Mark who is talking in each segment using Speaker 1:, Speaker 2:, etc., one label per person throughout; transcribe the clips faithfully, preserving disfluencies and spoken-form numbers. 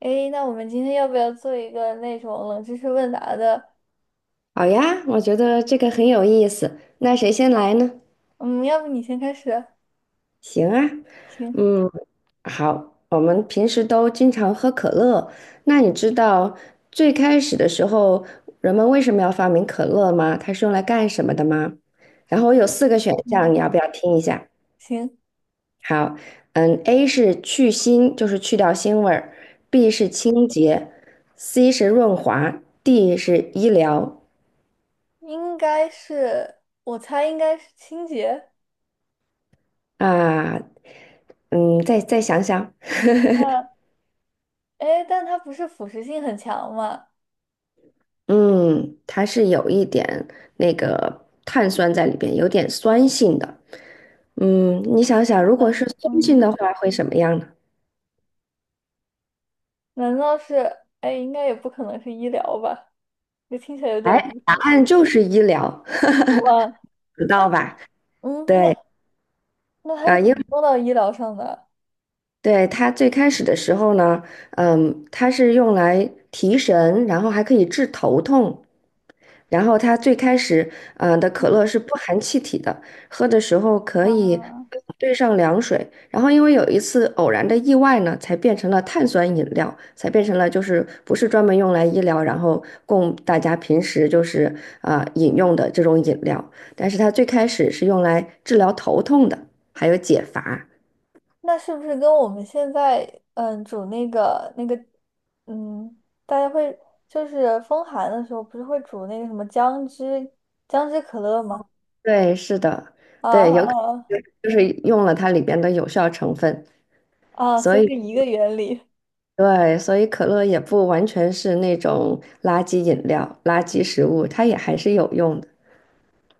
Speaker 1: 诶，那我们今天要不要做一个那种冷知识问答的？
Speaker 2: 好呀，我觉得这个很有意思。那谁先来呢？
Speaker 1: 嗯，要不你先开始啊？
Speaker 2: 行啊，
Speaker 1: 行，
Speaker 2: 嗯，好，我们平时都经常喝可乐。那你知道最开始的时候人们为什么要发明可乐吗？它是用来干什么的吗？然后我有
Speaker 1: 是，
Speaker 2: 四个选项，
Speaker 1: 嗯，
Speaker 2: 你要不要听一下？
Speaker 1: 行，
Speaker 2: 好，嗯，A 是去腥，就是去掉腥味儿；B 是清洁；C 是润滑；D 是医疗。
Speaker 1: 应该是，我猜应该是清洁。
Speaker 2: 啊，嗯，再再想想。
Speaker 1: 嗯，诶，但它不是腐蚀性很强吗？
Speaker 2: 嗯，它是有一点那个碳酸在里边，有点酸性的。嗯，你想想，
Speaker 1: 嘛？
Speaker 2: 如果是酸
Speaker 1: 嗯
Speaker 2: 性
Speaker 1: 嗯，
Speaker 2: 的话，会什么样呢？
Speaker 1: 难道是？哎，应该也不可能是医疗吧？这听起来有点离
Speaker 2: 答
Speaker 1: 谱。
Speaker 2: 案就是医疗，
Speaker 1: 哇，
Speaker 2: 知
Speaker 1: 那
Speaker 2: 道吧？
Speaker 1: 嗯，
Speaker 2: 对
Speaker 1: 那那它
Speaker 2: 啊，
Speaker 1: 是怎
Speaker 2: 因为
Speaker 1: 么做到医疗上的？
Speaker 2: 对它最开始的时候呢，嗯，它是用来提神，然后还可以治头痛。然后它最开始，嗯、呃的可
Speaker 1: 嗯
Speaker 2: 乐是不含气体的，喝的时候可
Speaker 1: 啊，
Speaker 2: 以兑上凉水。然后因为有一次偶然的意外呢，才变成了碳酸饮料，才变成了就是不是专门用来医疗，然后供大家平时就是啊、呃饮用的这种饮料。但是它最开始是用来治疗头痛的，还有解乏。
Speaker 1: 那是不是跟我们现在嗯煮那个那个嗯，大家会就是风寒的时候，不是会煮那个什么姜汁姜汁可乐吗？
Speaker 2: 对，是的，
Speaker 1: 啊
Speaker 2: 对，有可
Speaker 1: 啊
Speaker 2: 能就是用了它里边的有效成分，
Speaker 1: 啊！啊，
Speaker 2: 所
Speaker 1: 所以是
Speaker 2: 以。
Speaker 1: 一个原理。
Speaker 2: 对，所以可乐也不完全是那种垃圾饮料、垃圾食物，它也还是有用的。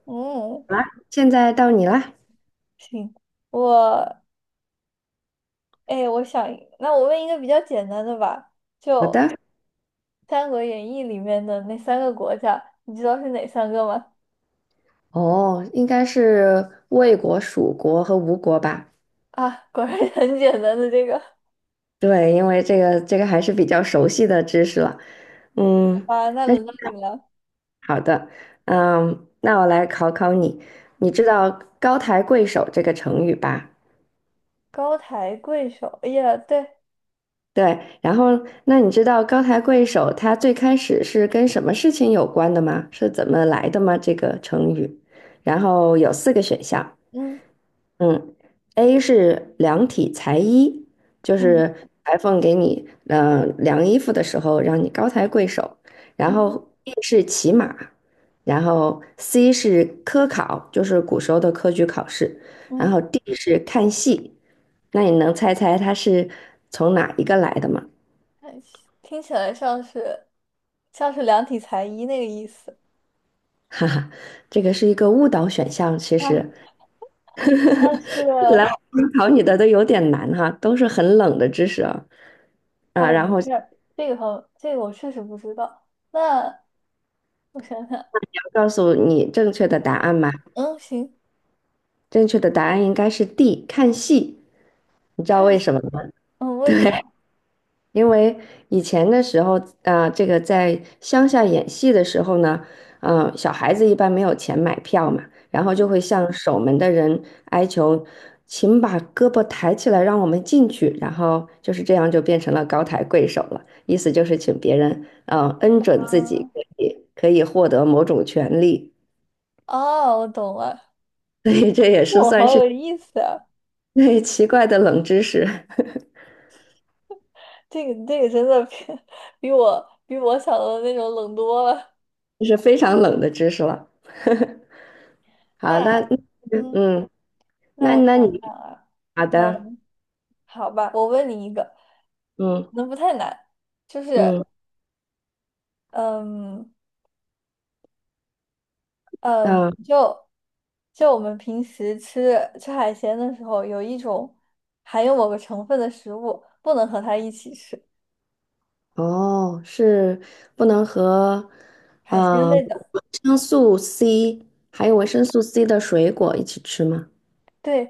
Speaker 1: 嗯，
Speaker 2: 现在到你啦，
Speaker 1: 行，我哎，我想那我问一个比较简单的吧，
Speaker 2: 好
Speaker 1: 就
Speaker 2: 的，
Speaker 1: 《三国演义》里面的那三个国家，你知道是哪三个吗？
Speaker 2: 哦，应该是魏国、蜀国和吴国吧？
Speaker 1: 啊，果然很简单的这个。
Speaker 2: 对，因为这个这个还是比较熟悉的知识了。
Speaker 1: 好
Speaker 2: 嗯，
Speaker 1: 吧，那
Speaker 2: 那
Speaker 1: 轮到你了。
Speaker 2: 好的，嗯，那我来考考你，你知道"高抬贵手"这个成语吧？
Speaker 1: 高抬贵手，哎呀，对，
Speaker 2: 对，然后那你知道高抬贵手它最开始是跟什么事情有关的吗？是怎么来的吗？这个成语，然后有四个选项，
Speaker 1: 嗯。
Speaker 2: 嗯，A 是量体裁衣，就
Speaker 1: 嗯
Speaker 2: 是裁缝给你嗯量衣服的时候让你高抬贵手，然
Speaker 1: 嗯
Speaker 2: 后 B 是骑马，然后 C 是科考，就是古时候的科举考试，然
Speaker 1: 嗯。
Speaker 2: 后 D 是看戏，那你能猜猜它是从哪一个来的吗？
Speaker 1: 哎，听起来像是像是量体裁衣那个意思
Speaker 2: 哈哈，这个是一个误导选项。其
Speaker 1: 啊。
Speaker 2: 实
Speaker 1: 但是，
Speaker 2: 一来我考你的都有点难哈，都是很冷的知识啊。啊，
Speaker 1: 哎，
Speaker 2: 然
Speaker 1: 没
Speaker 2: 后要
Speaker 1: 事儿，这个好，这个我确实不知道。那我想想，
Speaker 2: 告诉你正确的答案嘛？
Speaker 1: 嗯，行，
Speaker 2: 正确的答案应该是 D,看戏。你知道
Speaker 1: 看，
Speaker 2: 为什么吗？
Speaker 1: 嗯，为什么？
Speaker 2: 因为以前的时候，啊、这个在乡下演戏的时候呢，嗯、小孩子一般没有钱买票嘛，然后就会向守门的人哀求，请把胳膊抬起来，让我们进去。然后就是这样，就变成了高抬贵手了，意思就是请别人，嗯、恩准自己
Speaker 1: 啊，
Speaker 2: 可以可以获得某种权利，
Speaker 1: 哦，我懂了，
Speaker 2: 所以这也
Speaker 1: 这
Speaker 2: 是
Speaker 1: 我
Speaker 2: 算
Speaker 1: 好
Speaker 2: 是
Speaker 1: 有意思啊！
Speaker 2: 对奇怪的冷知识，
Speaker 1: 这个这个真的比 比我比我想的那种冷多了。
Speaker 2: 这是非常冷的知识了。好
Speaker 1: 那
Speaker 2: 的。
Speaker 1: 嗯，
Speaker 2: 嗯。
Speaker 1: 那
Speaker 2: 那
Speaker 1: 我想
Speaker 2: 那
Speaker 1: 想
Speaker 2: 你
Speaker 1: 啊，
Speaker 2: 好的，
Speaker 1: 嗯，好吧，我问你一个，可
Speaker 2: 嗯
Speaker 1: 能不太难，就是。
Speaker 2: 嗯
Speaker 1: 嗯嗯，
Speaker 2: 嗯，
Speaker 1: 就就我们平时吃吃海鲜的时候，有一种含有某个成分的食物不能和它一起吃，
Speaker 2: 哦，是不能和
Speaker 1: 海鲜
Speaker 2: 呃
Speaker 1: 类的。
Speaker 2: 维生素 C 还有维生素 C 的水果一起吃吗？
Speaker 1: 对，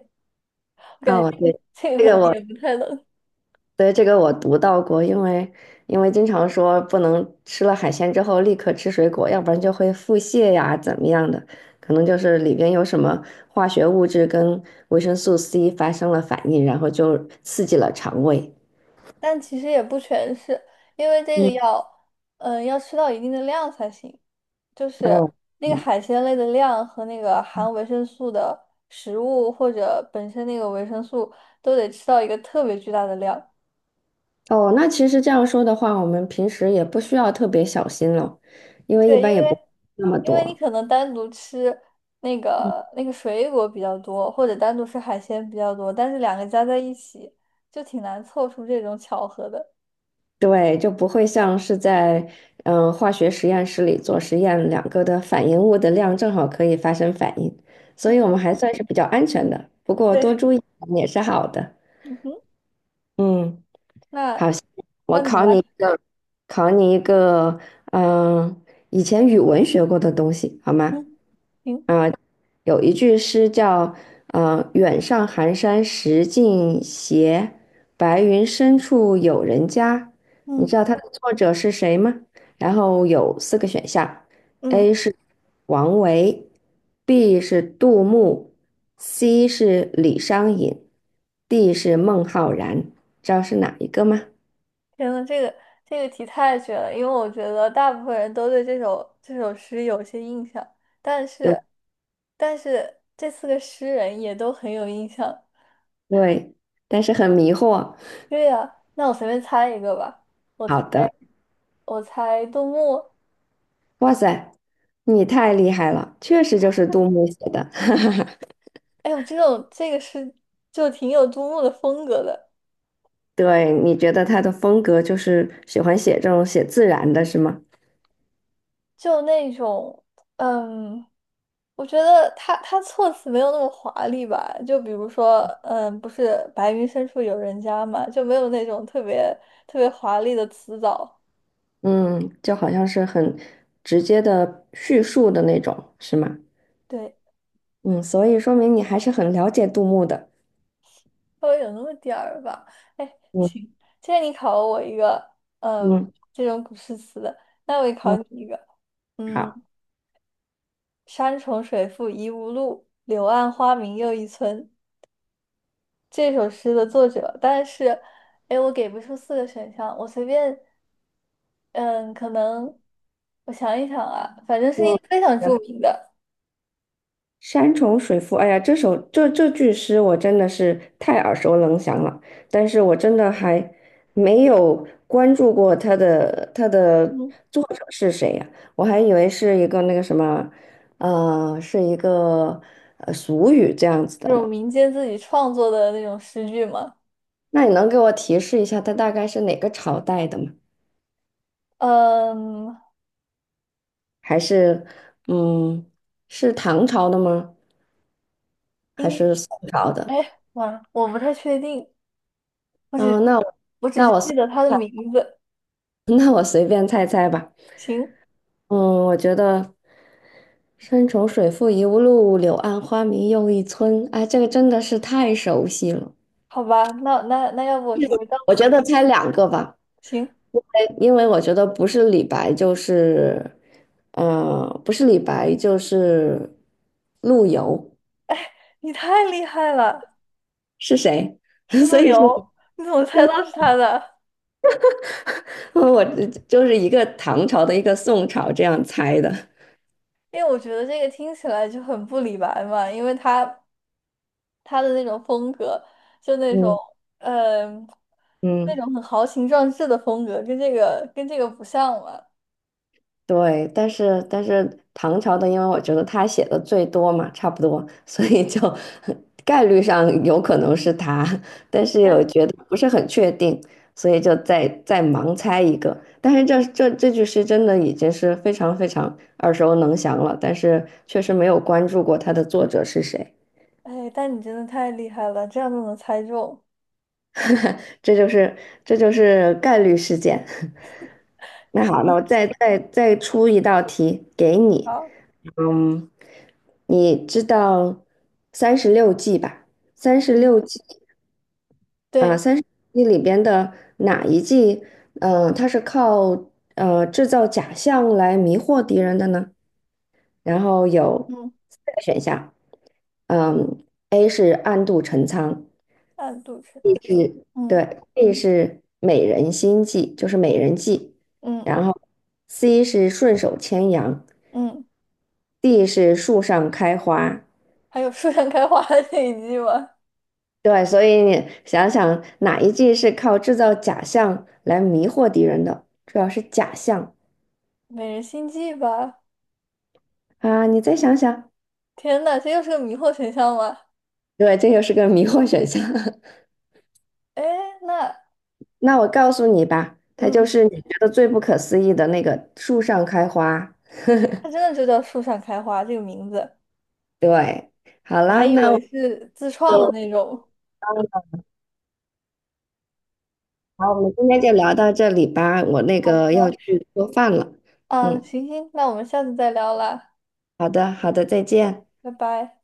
Speaker 1: 我感觉
Speaker 2: 哦，对，
Speaker 1: 这个这个
Speaker 2: 这
Speaker 1: 可
Speaker 2: 个
Speaker 1: 能
Speaker 2: 我
Speaker 1: 也不太能，
Speaker 2: 对这个我读到过，因为因为经常说不能吃了海鲜之后立刻吃水果，要不然就会腹泻呀，怎么样的，可能就是里边有什么化学物质跟维生素 C 发生了反应，然后就刺激了肠胃。
Speaker 1: 但其实也不全是，因为这个
Speaker 2: 嗯。
Speaker 1: 要嗯要吃到一定的量才行，就是
Speaker 2: 哦
Speaker 1: 那个
Speaker 2: 嗯，
Speaker 1: 海鲜类的量和那个含维生素的食物或者本身那个维生素都得吃到一个特别巨大的量。
Speaker 2: 哦，那其实这样说的话，我们平时也不需要特别小心了，因为一
Speaker 1: 对，
Speaker 2: 般
Speaker 1: 因
Speaker 2: 也
Speaker 1: 为
Speaker 2: 不那么
Speaker 1: 因为你
Speaker 2: 多，
Speaker 1: 可能单独吃那个那个水果比较多，或者单独吃海鲜比较多，但是两个加在一起就挺难凑出这种巧合的。
Speaker 2: 对，就不会像是在嗯、呃化学实验室里做实验，两个的反应物的量正好可以发生反应，所
Speaker 1: 嗯
Speaker 2: 以我
Speaker 1: 哼，
Speaker 2: 们还算是比较安全的。不过多
Speaker 1: 对，
Speaker 2: 注意也是好的。
Speaker 1: 嗯哼，
Speaker 2: 嗯，
Speaker 1: 那
Speaker 2: 好，我
Speaker 1: 那你
Speaker 2: 考
Speaker 1: 来，
Speaker 2: 你一 个，考你一个，嗯、以前语文学过的东西，好吗？
Speaker 1: 嗯，行，
Speaker 2: 啊，有一句诗叫呃“远上寒山石径斜，白云深处有人家"。你
Speaker 1: 嗯
Speaker 2: 知道它的作者是谁吗？然后有四个选项
Speaker 1: 嗯，
Speaker 2: ：A 是王维，B 是杜牧，C 是李商隐，D 是孟浩然。知道是哪一个吗？
Speaker 1: 天呐，这个这个题太绝了，因为我觉得大部分人都对这首这首诗有些印象，但
Speaker 2: 有
Speaker 1: 是但是这四个诗人也都很有印象。
Speaker 2: 对，但是很迷惑。
Speaker 1: 对呀，那我随便猜一个吧，我猜
Speaker 2: 好的，
Speaker 1: 我猜杜牧。
Speaker 2: 哇塞，你太厉害了，确实就是杜牧写的。
Speaker 1: 哎呦，这种这个是就挺有杜牧的风格的，
Speaker 2: 对，你觉得他的风格就是喜欢写这种写自然的，是吗？
Speaker 1: 就那种嗯，我觉得他他措辞没有那么华丽吧，就比如说嗯，不是白云深处有人家嘛，就没有那种特别特别华丽的词藻，
Speaker 2: 嗯，就好像是很直接的叙述的那种，是吗？
Speaker 1: 对，
Speaker 2: 嗯，所以说明你还是很了解杜牧的。
Speaker 1: 稍微有那么点儿吧。哎，
Speaker 2: 嗯
Speaker 1: 行，既然你考了我一个嗯
Speaker 2: 嗯
Speaker 1: 这种古诗词的，那我也考
Speaker 2: 嗯，
Speaker 1: 你一个，
Speaker 2: 好，
Speaker 1: 嗯。山重水复疑无路，柳暗花明又一村。这首诗的作者，但是，哎，我给不出四个选项，我随便，嗯，可能我想一想啊，反正是一
Speaker 2: 嗯，
Speaker 1: 个非常著名的，
Speaker 2: 山重水复，哎呀，这首这这句诗我真的是太耳熟能详了，但是我真的还没有关注过他的他的
Speaker 1: 嗯，
Speaker 2: 作者是谁呀，我还以为是一个那个什么，呃，是一个呃俗语这样子的
Speaker 1: 这种
Speaker 2: 呢。
Speaker 1: 民间自己创作的那种诗句嘛，
Speaker 2: 那你能给我提示一下，他大概是哪个朝代的吗？
Speaker 1: 嗯，
Speaker 2: 还是嗯，是唐朝的吗？还
Speaker 1: 应，
Speaker 2: 是宋朝
Speaker 1: 哎，
Speaker 2: 的？
Speaker 1: 哇，我不太确定，我只
Speaker 2: 嗯，那我
Speaker 1: 我只
Speaker 2: 那
Speaker 1: 是
Speaker 2: 我随
Speaker 1: 记得
Speaker 2: 便
Speaker 1: 他的
Speaker 2: 猜
Speaker 1: 名字，
Speaker 2: 那我随便猜猜吧。
Speaker 1: 行，
Speaker 2: 嗯，我觉得"山重水复疑无路，柳暗花明又一村"，哎，这个真的是太熟悉了。
Speaker 1: 好吧，那那那要不我直接告诉你，行，
Speaker 2: 哎因为我觉得不是李白就是，呃，不是李白就是陆游，
Speaker 1: 你太厉害了。
Speaker 2: 是谁？
Speaker 1: 吃
Speaker 2: 所
Speaker 1: 路
Speaker 2: 以是，
Speaker 1: 由，你怎么猜到是他的？
Speaker 2: 我就是一个唐朝的一个宋朝这样猜的。
Speaker 1: 因为我觉得这个听起来就很不李白嘛，因为他他的那种风格，就那种
Speaker 2: 嗯
Speaker 1: 嗯，那
Speaker 2: 嗯。
Speaker 1: 种很豪情壮志的风格，跟这个跟这个不像嘛。
Speaker 2: 对，但是但是唐朝的，因为我觉得他写的最多嘛，差不多，所以就 概率上有可能是他，但是我
Speaker 1: 但
Speaker 2: 觉得不是很确定，所以就再再盲猜一个。但是这这这句诗真的已经是非常非常耳熟能详了，但是确实没有关注过它的作者是谁，
Speaker 1: 哎，但你真的太厉害了，这样都能猜中。
Speaker 2: 这就是这就是概率事件。那好，那
Speaker 1: 诶
Speaker 2: 我再再再出一道题 给你，
Speaker 1: 好，
Speaker 2: 嗯，你知道三十六计吧？三十
Speaker 1: 嗯，
Speaker 2: 六计啊，
Speaker 1: 对，
Speaker 2: 三十六计里边的哪一计？嗯、它是靠呃制造假象来迷惑敌人的呢？然后有
Speaker 1: 嗯，
Speaker 2: 四个选项，嗯，A 是暗度陈仓
Speaker 1: 暗度陈
Speaker 2: ，B
Speaker 1: 仓，
Speaker 2: 是
Speaker 1: 嗯
Speaker 2: 对，B 是美人心计，就是美人计，
Speaker 1: 嗯
Speaker 2: 然后 C 是顺手牵羊
Speaker 1: 嗯，
Speaker 2: ，D 是树上开花。
Speaker 1: 还有树上开花的那一句吗？
Speaker 2: 对，所以你想想哪一季是靠制造假象来迷惑敌人的，主要是假象
Speaker 1: 美人心计吧。
Speaker 2: 啊，你再想想，
Speaker 1: 天呐，这又是个迷惑选项吗？
Speaker 2: 对，这又是个迷惑选项。
Speaker 1: 哎，那
Speaker 2: 那我告诉你吧，它就
Speaker 1: 嗯。
Speaker 2: 是你觉得最不可思议的那个树上开花。
Speaker 1: 它真的就叫树上开花这个名字，
Speaker 2: 对，好
Speaker 1: 我还
Speaker 2: 啦，
Speaker 1: 以
Speaker 2: 那
Speaker 1: 为
Speaker 2: 我们
Speaker 1: 是自创的
Speaker 2: 就
Speaker 1: 那种。
Speaker 2: 好，我们今天就聊到这里吧，我那
Speaker 1: 好
Speaker 2: 个要
Speaker 1: 的，
Speaker 2: 去做饭了。
Speaker 1: 啊，
Speaker 2: 嗯，
Speaker 1: 行行，那我们下次再聊啦，
Speaker 2: 好的，好的，再见。
Speaker 1: 拜拜。